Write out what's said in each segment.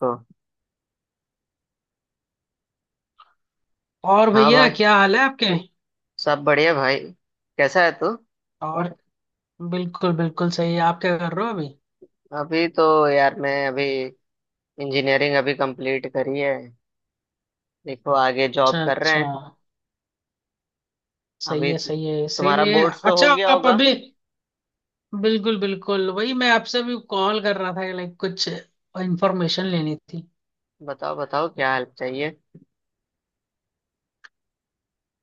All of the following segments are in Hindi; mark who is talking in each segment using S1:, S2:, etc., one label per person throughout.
S1: हाँ
S2: और
S1: हाँ
S2: भैया,
S1: भाई।
S2: क्या हाल है आपके।
S1: सब बढ़िया भाई। कैसा है तू।
S2: और, बिल्कुल बिल्कुल सही है। आप क्या कर रहे हो अभी।
S1: अभी तो यार मैं अभी इंजीनियरिंग अभी कंप्लीट करी है। देखो आगे जॉब
S2: अच्छा
S1: कर रहे
S2: अच्छा।
S1: हैं।
S2: सही
S1: अभी
S2: है सही है,
S1: तुम्हारा
S2: इसीलिए
S1: बोर्ड्स तो हो
S2: अच्छा,
S1: गया
S2: आप
S1: होगा।
S2: अभी बिल्कुल बिल्कुल वही, मैं आपसे भी कॉल कर रहा था लाइक कुछ इंफॉर्मेशन लेनी थी।
S1: बताओ बताओ क्या हेल्प चाहिए।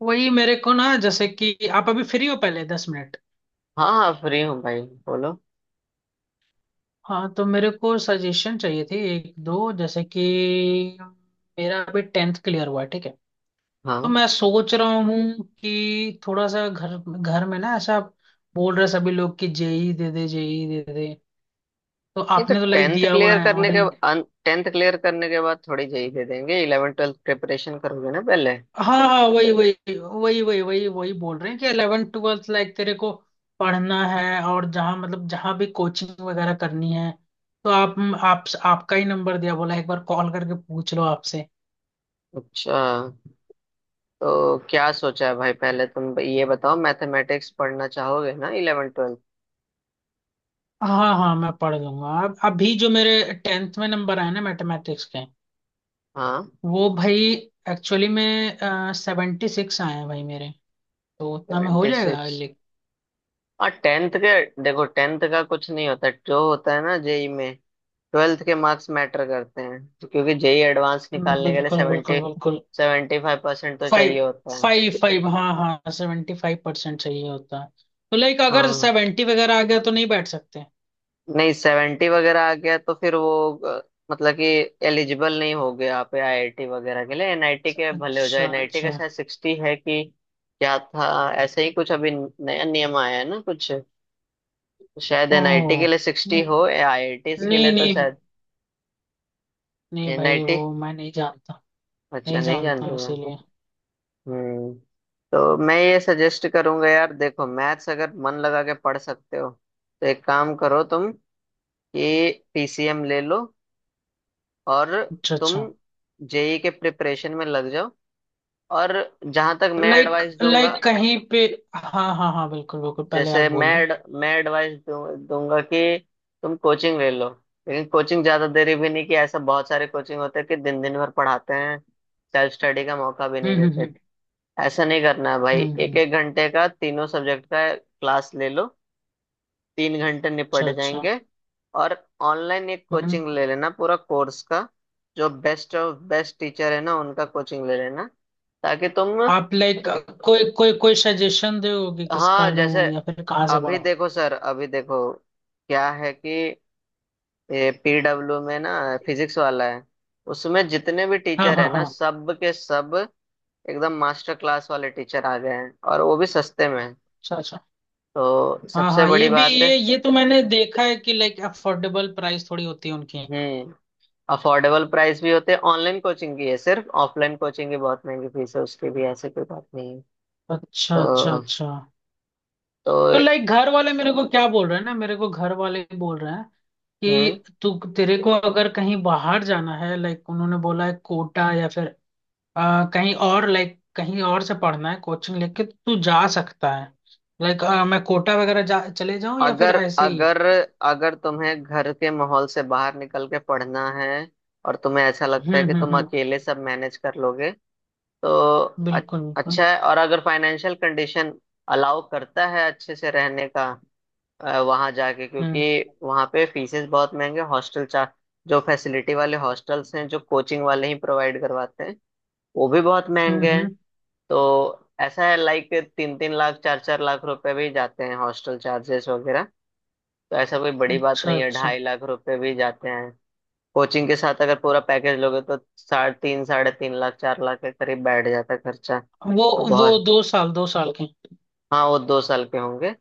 S2: वही मेरे को ना, जैसे कि आप अभी फ्री हो पहले दस मिनट।
S1: हाँ हाँ फ्री हूँ भाई बोलो।
S2: हाँ, तो मेरे को सजेशन चाहिए थी एक दो, जैसे कि मेरा अभी टेंथ क्लियर हुआ है, ठीक है। तो
S1: हाँ,
S2: मैं सोच रहा हूँ कि थोड़ा सा घर घर में ना ऐसा बोल रहे सभी लोग कि जेई दे दे, जेई दे दे। तो
S1: ये तो
S2: आपने तो लाइक दिया हुआ है। और
S1: टेंथ क्लियर करने के बाद थोड़ी जेई दे देंगे, इलेवन ट्वेल्थ प्रिपरेशन करोगे ना पहले।
S2: हाँ हाँ हाँ, वही वही वही वही वही वही बोल रहे हैं कि 11 ट्वेल्थ लाइक तेरे को पढ़ना है और जहाँ, मतलब जहाँ भी कोचिंग वगैरह करनी है। तो आप आपका ही नंबर दिया, बोला एक बार कॉल करके पूछ लो आपसे।
S1: अच्छा, तो क्या सोचा है भाई, पहले तुम ये बताओ मैथमेटिक्स पढ़ना चाहोगे ना इलेवन ट्वेल्थ।
S2: हाँ हाँ, मैं पढ़ लूंगा। अब अभी जो मेरे टेंथ में नंबर आए ना मैथमेटिक्स के,
S1: हाँ।
S2: वो भाई एक्चुअली में सेवेंटी सिक्स आए हैं भाई मेरे। तो उतना में हो
S1: ट्वेंटी
S2: जाएगा
S1: सिक्स
S2: लिख।
S1: और टेंथ के। देखो टेंथ का कुछ नहीं होता, जो होता है ना जेई में ट्वेल्थ के मार्क्स मैटर करते हैं। तो क्योंकि जेई एडवांस निकालने के लिए
S2: बिल्कुल
S1: सेवेंटी
S2: बिल्कुल बिल्कुल।
S1: सेवेंटी फाइव परसेंट तो
S2: फाइव,
S1: चाहिए होता है।
S2: फाइव फाइव, हाँ हाँ, सेवेंटी फाइव परसेंट चाहिए होता है। तो लाइक अगर
S1: हाँ।
S2: सेवेंटी वगैरह आ गया तो नहीं बैठ सकते।
S1: नहीं, सेवेंटी वगैरह आ गया तो फिर वो मतलब कि एलिजिबल नहीं हो गया आप आईआईटी वगैरह के लिए। एनआईटी के भले हो जाए,
S2: अच्छा
S1: एनआईटी का
S2: अच्छा।
S1: शायद सिक्सटी है कि क्या था। ऐसे ही कुछ अभी नया नियम आया है ना कुछ। शायद
S2: ओ
S1: एनआईटी के लिए सिक्सटी
S2: नहीं,
S1: हो, आईआईटी के
S2: नहीं
S1: लिए तो
S2: नहीं,
S1: शायद
S2: नहीं भाई, वो
S1: एनआईटी।
S2: मैं नहीं जानता। नहीं
S1: अच्छा, नहीं
S2: जानता
S1: जानते
S2: हूँ,
S1: हैं।
S2: इसीलिए।
S1: हम्म। तो मैं ये सजेस्ट करूंगा यार, देखो मैथ्स अगर मन लगा के पढ़ सकते हो तो एक काम करो तुम कि पीसीएम ले लो और
S2: अच्छा
S1: तुम
S2: अच्छा।
S1: जेई के प्रिपरेशन में लग जाओ। और जहां तक मैं
S2: लाइक
S1: एडवाइस दूंगा,
S2: लाइक कहीं पे, हाँ हाँ हाँ, बिल्कुल बिल्कुल, पहले आप
S1: जैसे
S2: बोल लो।
S1: मैं एडवाइस दूंगा कि तुम कोचिंग ले लो। लेकिन कोचिंग ज्यादा देरी भी नहीं, कि ऐसा बहुत सारे कोचिंग होते हैं कि दिन दिन भर पढ़ाते हैं, सेल्फ स्टडी का मौका भी नहीं
S2: हम्म
S1: देते।
S2: हम्म
S1: ऐसा नहीं करना है भाई,
S2: हम्म हम्म,
S1: एक
S2: हम्म,
S1: एक घंटे का तीनों सब्जेक्ट का क्लास ले लो। तीन घंटे
S2: अच्छा
S1: निपट
S2: अच्छा।
S1: जाएंगे। और ऑनलाइन एक कोचिंग
S2: हम्म।
S1: ले लेना पूरा कोर्स का। जो बेस्ट ऑफ बेस्ट टीचर है ना उनका कोचिंग ले लेना, ताकि तुम।
S2: आप लाइक कोई कोई कोई सजेशन दोगे
S1: हाँ,
S2: किसका लूं
S1: जैसे
S2: या फिर कहाँ से
S1: अभी
S2: पढ़ूं।
S1: देखो सर, अभी देखो क्या है कि ये पीडब्ल्यू में ना, फिजिक्स वाला है, उसमें जितने भी
S2: हाँ
S1: टीचर है
S2: हाँ
S1: ना
S2: हाँ,
S1: सब के सब एकदम मास्टर क्लास वाले टीचर आ गए हैं, और वो भी सस्ते में।
S2: अच्छा अच्छा।
S1: तो
S2: हाँ
S1: सबसे
S2: हाँ, ये
S1: बड़ी
S2: भी,
S1: बात है।
S2: ये तो मैंने देखा है कि लाइक अफोर्डेबल प्राइस थोड़ी होती है उनकी।
S1: हम्म। अफोर्डेबल प्राइस भी होते हैं, ऑनलाइन कोचिंग की है सिर्फ, ऑफलाइन कोचिंग की बहुत महंगी फीस है उसकी भी, ऐसे कोई बात नहीं है।
S2: अच्छा
S1: तो
S2: अच्छा अच्छा।
S1: तो
S2: तो लाइक घर वाले मेरे को क्या बोल रहे हैं ना, मेरे को घर वाले बोल रहे हैं
S1: हम्म।
S2: कि तू तेरे को अगर कहीं बाहर जाना है, लाइक उन्होंने बोला है कोटा या फिर कहीं और, लाइक कहीं और से पढ़ना है कोचिंग लेके तो तू जा सकता है, लाइक मैं कोटा वगैरह जा, चले जाऊं या फिर
S1: अगर
S2: ऐसे ही।
S1: अगर अगर तुम्हें घर के माहौल से बाहर निकल के पढ़ना है और तुम्हें ऐसा लगता है कि तुम
S2: हम्म,
S1: अकेले सब मैनेज कर लोगे तो अ-
S2: बिल्कुल बिल्कुल।
S1: अच्छा है। और अगर फाइनेंशियल कंडीशन अलाउ करता है अच्छे से रहने का वहां जाके, क्योंकि
S2: हम्म
S1: वहां पे फीसेस बहुत महंगे, हॉस्टल चार्ज, जो फैसिलिटी वाले हॉस्टल्स हैं जो कोचिंग वाले ही प्रोवाइड करवाते हैं वो भी बहुत महंगे हैं।
S2: हम्म,
S1: तो ऐसा है लाइक, तीन तीन लाख चार चार लाख रुपए भी जाते हैं हॉस्टल चार्जेस वगैरह। तो ऐसा कोई बड़ी बात
S2: अच्छा
S1: नहीं है,
S2: अच्छा।
S1: ढाई लाख रुपए भी जाते हैं। कोचिंग के साथ अगर पूरा पैकेज लोगे तो साढ़े तीन लाख चार लाख के करीब बैठ जाता है खर्चा।
S2: वो वो
S1: बहुत।
S2: दो साल, दो साल के।
S1: हाँ वो दो साल के होंगे।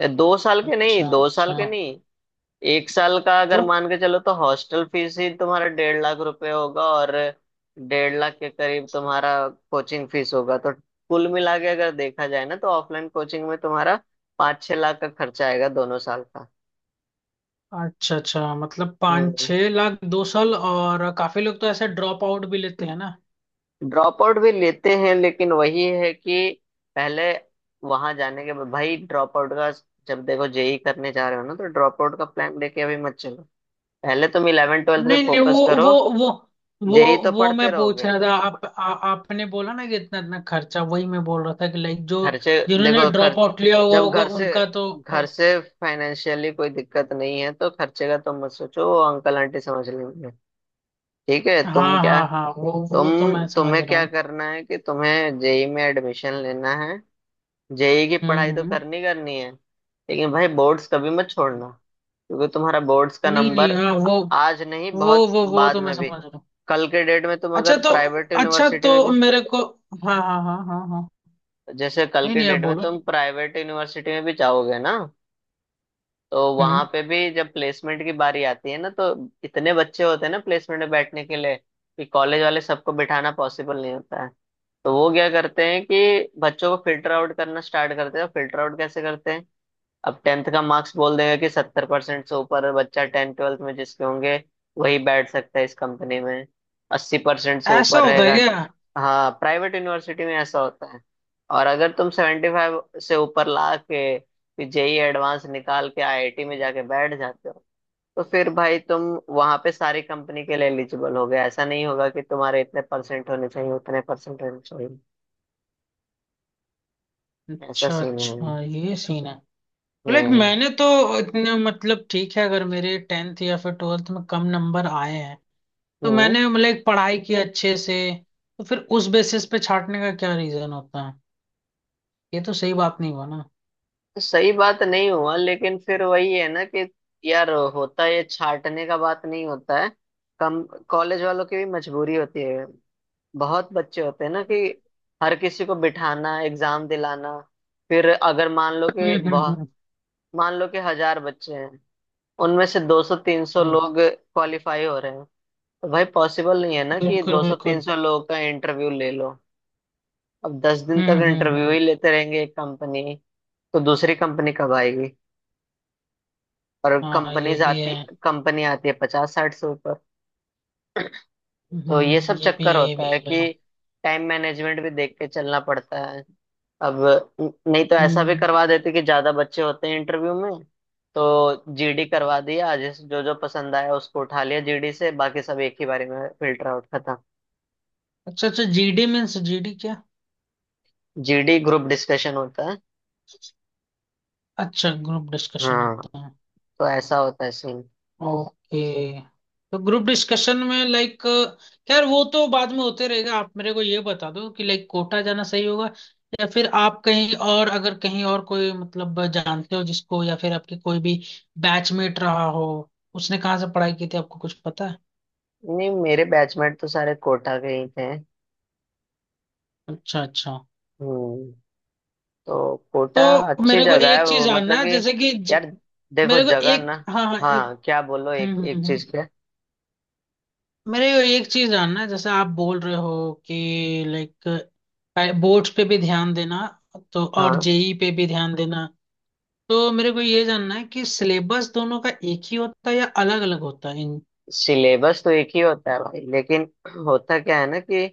S1: दो साल के नहीं,
S2: अच्छा
S1: दो साल
S2: अच्छा
S1: के नहीं। एक साल का अगर
S2: तो,
S1: मान के चलो तो हॉस्टल फीस ही तुम्हारा 1.5 लाख रुपए होगा, और 1.5 लाख के करीब तुम्हारा कोचिंग फीस होगा। तो कुल मिला के अगर देखा जाए ना, तो ऑफलाइन कोचिंग में तुम्हारा पाँच छह लाख का खर्चा आएगा दोनों साल का।
S2: अच्छा अच्छा मतलब पाँच
S1: हम्म।
S2: छह लाख दो साल, और काफी लोग तो ऐसे ड्रॉप आउट भी लेते हैं ना।
S1: ड्रॉप आउट भी लेते हैं, लेकिन वही है कि पहले वहां जाने के बाद भाई ड्रॉप आउट का, जब देखो जेई करने जा रहे हो ना तो ड्रॉप आउट का प्लान लेके अभी मत चलो। पहले तुम इलेवन ट्वेल्थ पे
S2: नहीं नहीं,
S1: फोकस करो।
S2: वो वो
S1: जेई तो
S2: वो मैं
S1: पढ़ते
S2: पूछ
S1: रहोगे।
S2: रहा था। आपने बोला ना कि इतना इतना खर्चा, वही मैं बोल रहा था कि लाइक जो
S1: खर्चे।
S2: जिन्होंने
S1: देखो खर्च,
S2: ड्रॉप आउट लिया हुआ
S1: जब
S2: होगा
S1: घर से
S2: उनका तो।
S1: घर से फाइनेंशियली कोई दिक्कत नहीं है तो खर्चे का तुम मत सोचो, वो अंकल आंटी समझ लेंगे। ठीक है, तुम
S2: हाँ
S1: क्या,
S2: हाँ हाँ, वो
S1: तुम
S2: वो तो मैं समझ
S1: तुम्हें
S2: रहा
S1: क्या
S2: हूँ।
S1: करना है कि तुम्हें जेई में एडमिशन लेना है। जेई की पढ़ाई तो
S2: हम्म।
S1: करनी करनी है। लेकिन भाई बोर्ड्स कभी मत छोड़ना, क्योंकि तुम्हारा बोर्ड्स का
S2: नहीं नहीं,
S1: नंबर
S2: हाँ, वो
S1: आज नहीं
S2: वो
S1: बहुत
S2: वो वो
S1: बाद
S2: तो मैं
S1: में भी,
S2: समझ रहा हूँ।
S1: कल के डेट में तुम
S2: अच्छा
S1: अगर
S2: तो,
S1: प्राइवेट
S2: अच्छा
S1: यूनिवर्सिटी
S2: तो
S1: में भी।
S2: मेरे को हाँ हाँ हाँ हाँ हाँ,
S1: जैसे कल
S2: नहीं
S1: के
S2: नहीं, आप
S1: डेट में
S2: बोलो।
S1: तुम प्राइवेट यूनिवर्सिटी में भी जाओगे ना, तो वहां
S2: हम्म।
S1: पे भी जब प्लेसमेंट की बारी आती है ना, तो इतने बच्चे होते हैं ना प्लेसमेंट में बैठने के लिए कि कॉलेज वाले सबको बिठाना पॉसिबल नहीं होता है। तो वो क्या करते हैं कि बच्चों को फिल्टर आउट करना स्टार्ट करते हैं। फिल्टर आउट कैसे करते हैं, अब टेंथ का मार्क्स बोल देगा कि 70% से ऊपर बच्चा टेंथ ट्वेल्थ में जिसके होंगे वही बैठ सकता है इस कंपनी में, 80% से
S2: ऐसा
S1: ऊपर
S2: होता है
S1: रहेगा।
S2: क्या।
S1: हाँ प्राइवेट यूनिवर्सिटी में ऐसा होता है। और अगर तुम 75 से ऊपर ला के जेई एडवांस निकाल के आईआईटी में जाके बैठ जाते हो, तो फिर भाई तुम वहां पे सारी कंपनी के लिए एलिजिबल हो गए, ऐसा नहीं होगा कि तुम्हारे इतने परसेंट होने चाहिए उतने परसेंट होने चाहिए। ऐसा
S2: अच्छा
S1: सीन है।
S2: अच्छा, ये सीन है। लाइक
S1: हम्म।
S2: मैंने तो इतने, मतलब ठीक है, अगर मेरे टेंथ या फिर ट्वेल्थ में कम नंबर आए हैं, तो
S1: हम्म।
S2: मैंने लाइक पढ़ाई की अच्छे से, तो फिर उस बेसिस पे छाटने का क्या रीजन होता है। ये तो सही बात नहीं हुआ ना।
S1: सही बात नहीं हुआ, लेकिन फिर वही है ना कि यार, होता, ये छाटने का बात नहीं होता है, कम, कॉलेज वालों की भी मजबूरी होती है। बहुत बच्चे होते हैं ना
S2: हम्म
S1: कि हर किसी को बिठाना, एग्जाम दिलाना। फिर अगर मान लो कि
S2: हम्म
S1: बहुत,
S2: हम्म
S1: मान लो कि 1000 बच्चे हैं, उनमें से 200-300
S2: हम्म,
S1: लोग क्वालिफाई हो रहे हैं। तो भाई पॉसिबल नहीं है ना कि
S2: बिल्कुल बिल्कुल।
S1: 200-300 लोगों का इंटरव्यू ले लो। अब 10 दिन तक इंटरव्यू
S2: हम्म।
S1: ही लेते रहेंगे एक कंपनी, तो दूसरी कंपनी कब आएगी। और
S2: हाँ ये भी है।
S1: कंपनी आती है पचास साठ से ऊपर। तो ये
S2: हम्म,
S1: सब चक्कर
S2: ये
S1: होता
S2: भी
S1: है
S2: है
S1: कि
S2: भाई।
S1: टाइम मैनेजमेंट भी देख के चलना पड़ता है। अब नहीं तो ऐसा भी करवा
S2: हम्म।
S1: देते कि ज्यादा बच्चे होते हैं इंटरव्यू में, तो जीडी करवा दिया, जिस जो जो पसंद आया उसको उठा लिया जीडी से, बाकी सब एक ही बारे में फिल्टर आउट खत्म।
S2: अच्छा अच्छा, जीडी मीन्स, जीडी क्या।
S1: जीडी ग्रुप डिस्कशन होता है।
S2: अच्छा, ग्रुप डिस्कशन
S1: हाँ।
S2: होता है।
S1: तो ऐसा होता है सीन।
S2: ओके। तो ग्रुप डिस्कशन में लाइक, खैर वो तो बाद में होते रहेगा। आप मेरे को ये बता दो कि लाइक कोटा जाना सही होगा, या फिर आप कहीं और, अगर कहीं और कोई, मतलब जानते हो जिसको, या फिर आपके कोई भी बैचमेट रहा हो, उसने कहाँ से पढ़ाई की थी, आपको कुछ पता है।
S1: नहीं मेरे बैचमेट तो सारे कोटा के ही थे।
S2: अच्छा अच्छा।
S1: हम्म। तो कोटा
S2: तो
S1: अच्छी
S2: मेरे को
S1: जगह है
S2: एक चीज
S1: वो,
S2: जानना
S1: मतलब
S2: है
S1: कि
S2: जैसे कि
S1: यार देखो
S2: मेरे को
S1: जगह ना।
S2: एक, हाँ हाँ, एक
S1: हाँ क्या बोलो,
S2: हम्म,
S1: एक एक
S2: हम्म,
S1: चीज
S2: हम्म।
S1: क्या।
S2: मेरे को एक चीज जानना है, जैसे आप बोल रहे हो कि लाइक बोर्ड्स पे भी ध्यान देना, तो और
S1: हाँ,
S2: जेई पे भी ध्यान देना। तो मेरे को ये जानना है कि सिलेबस दोनों का एक ही होता है या अलग अलग होता है इन।
S1: सिलेबस तो एक ही होता है भाई, लेकिन होता क्या है ना कि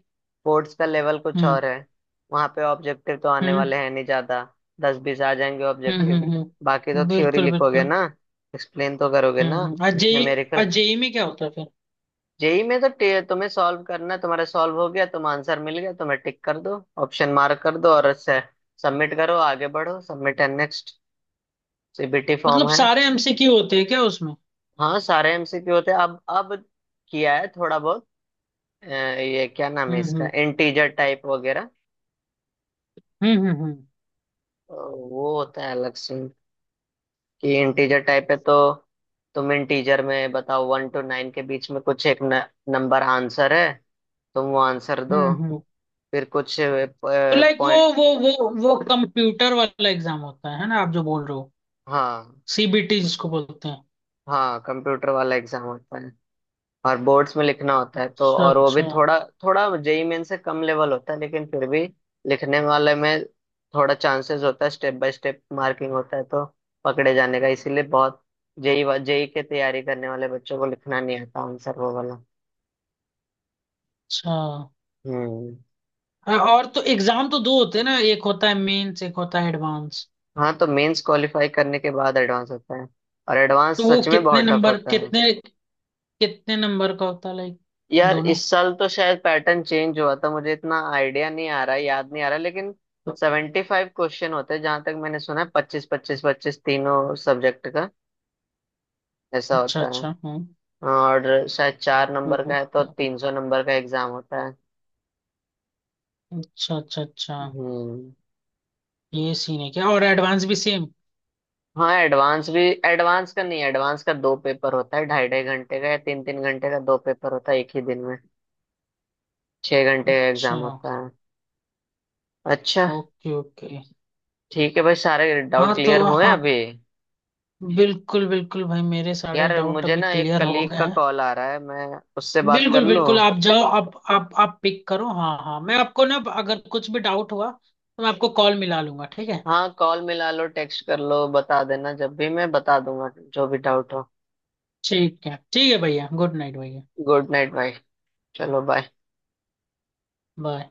S1: बोर्ड्स का लेवल कुछ
S2: हम्म
S1: और है। वहाँ पे ऑब्जेक्टिव तो आने
S2: हम्म
S1: वाले हैं नहीं ज्यादा, दस बीस आ जाएंगे ऑब्जेक्टिव। बाकी तो थ्योरी
S2: बिल्कुल
S1: लिखोगे
S2: बिल्कुल।
S1: ना, एक्सप्लेन तो करोगे ना,
S2: हम्म, और जेई, और
S1: न्यूमेरिकल।
S2: जेई में क्या होता है फिर।
S1: जेई में तो तुम्हें सॉल्व करना है, तुम्हारा सॉल्व हो गया, तुम आंसर मिल गया, तुम्हें टिक कर दो, ऑप्शन मार्क कर दो और सबमिट करो आगे बढ़ो, submit and next. CBT form
S2: मतलब
S1: है।
S2: सारे एमसीक्यू होते हैं क्या उसमें।
S1: हाँ सारे एमसीक्यू होते हैं। अब किया है थोड़ा बहुत अ, ये क्या नाम है
S2: हम्म
S1: इसका,
S2: हम्म
S1: इंटीजर टाइप वगैरह।
S2: हम्म,
S1: वो होता है अलग से, कि इंटीजर टाइप है तो तुम इंटीजर में बताओ वन टू नाइन के बीच में कुछ एक न, नंबर आंसर है, तुम वो आंसर दो।
S2: हम्म हम्म।
S1: फिर कुछ
S2: तो लाइक वो
S1: पॉइंट।
S2: वो वो वो कंप्यूटर वाला एग्जाम होता है ना, आप जो बोल रहे हो,
S1: हाँ।
S2: सीबीटी जिसको बोलते हैं।
S1: हाँ कंप्यूटर वाला एग्जाम होता है, और बोर्ड्स में लिखना होता है तो,
S2: अच्छा
S1: और वो भी
S2: अच्छा
S1: थोड़ा थोड़ा जेई मेन से कम लेवल होता है, लेकिन फिर भी लिखने वाले में थोड़ा चांसेस होता है, स्टेप बाय स्टेप मार्किंग होता है, तो पकड़े जाने का इसीलिए बहुत, जेई जेई के तैयारी करने वाले बच्चों को लिखना नहीं आता आंसर वो वाला।
S2: अच्छा।
S1: हम्म।
S2: और तो एग्जाम तो दो होते हैं ना, एक होता है मेंस, एक होता है एडवांस।
S1: हाँ तो मेंस क्वालिफाई करने के बाद एडवांस होता है, और
S2: तो
S1: एडवांस
S2: वो
S1: सच में
S2: कितने
S1: बहुत टफ
S2: नंबर,
S1: होता है।
S2: कितने, कितने नंबर का होता है लाइक
S1: यार
S2: दोनों,
S1: इस साल तो शायद पैटर्न चेंज हुआ था, मुझे इतना आइडिया नहीं आ रहा याद नहीं आ रहा, लेकिन
S2: तो-
S1: 75 क्वेश्चन होते हैं जहां तक मैंने सुना है, पच्चीस पच्चीस पच्चीस तीनों सब्जेक्ट का, ऐसा
S2: अच्छा
S1: होता है।
S2: अच्छा हाँ।
S1: और शायद चार नंबर का है तो
S2: ओके।
S1: 300 नंबर का एग्जाम होता है।
S2: अच्छा अच्छा अच्छा,
S1: हम्म।
S2: ये सीन है क्या, और एडवांस भी सेम।
S1: हाँ एडवांस भी, एडवांस का नहीं, एडवांस का दो पेपर होता है ढाई ढाई घंटे का या तीन तीन घंटे का, दो पेपर होता है एक ही दिन में, 6 घंटे का एग्जाम
S2: अच्छा
S1: होता है। अच्छा।
S2: Okay okay.
S1: ठीक है भाई, सारे डाउट
S2: हाँ तो
S1: क्लियर हुए
S2: हाँ,
S1: अभी।
S2: बिल्कुल बिल्कुल भाई, मेरे सारे
S1: यार
S2: डाउट
S1: मुझे
S2: अभी
S1: ना एक
S2: क्लियर हो
S1: कलीग
S2: गए
S1: का
S2: हैं।
S1: कॉल आ रहा है, मैं उससे बात कर
S2: बिल्कुल
S1: लूं।
S2: बिल्कुल, आप जाओ, आप पिक करो। हाँ हाँ, मैं आपको ना, अगर कुछ भी डाउट हुआ तो मैं आपको कॉल मिला लूंगा। ठीक है
S1: हाँ, कॉल मिला लो टेक्स्ट कर लो, बता देना जब भी, मैं बता दूंगा जो भी डाउट हो।
S2: ठीक है, ठीक है भैया, गुड नाइट भैया।
S1: गुड नाइट भाई। चलो बाय।
S2: बाय।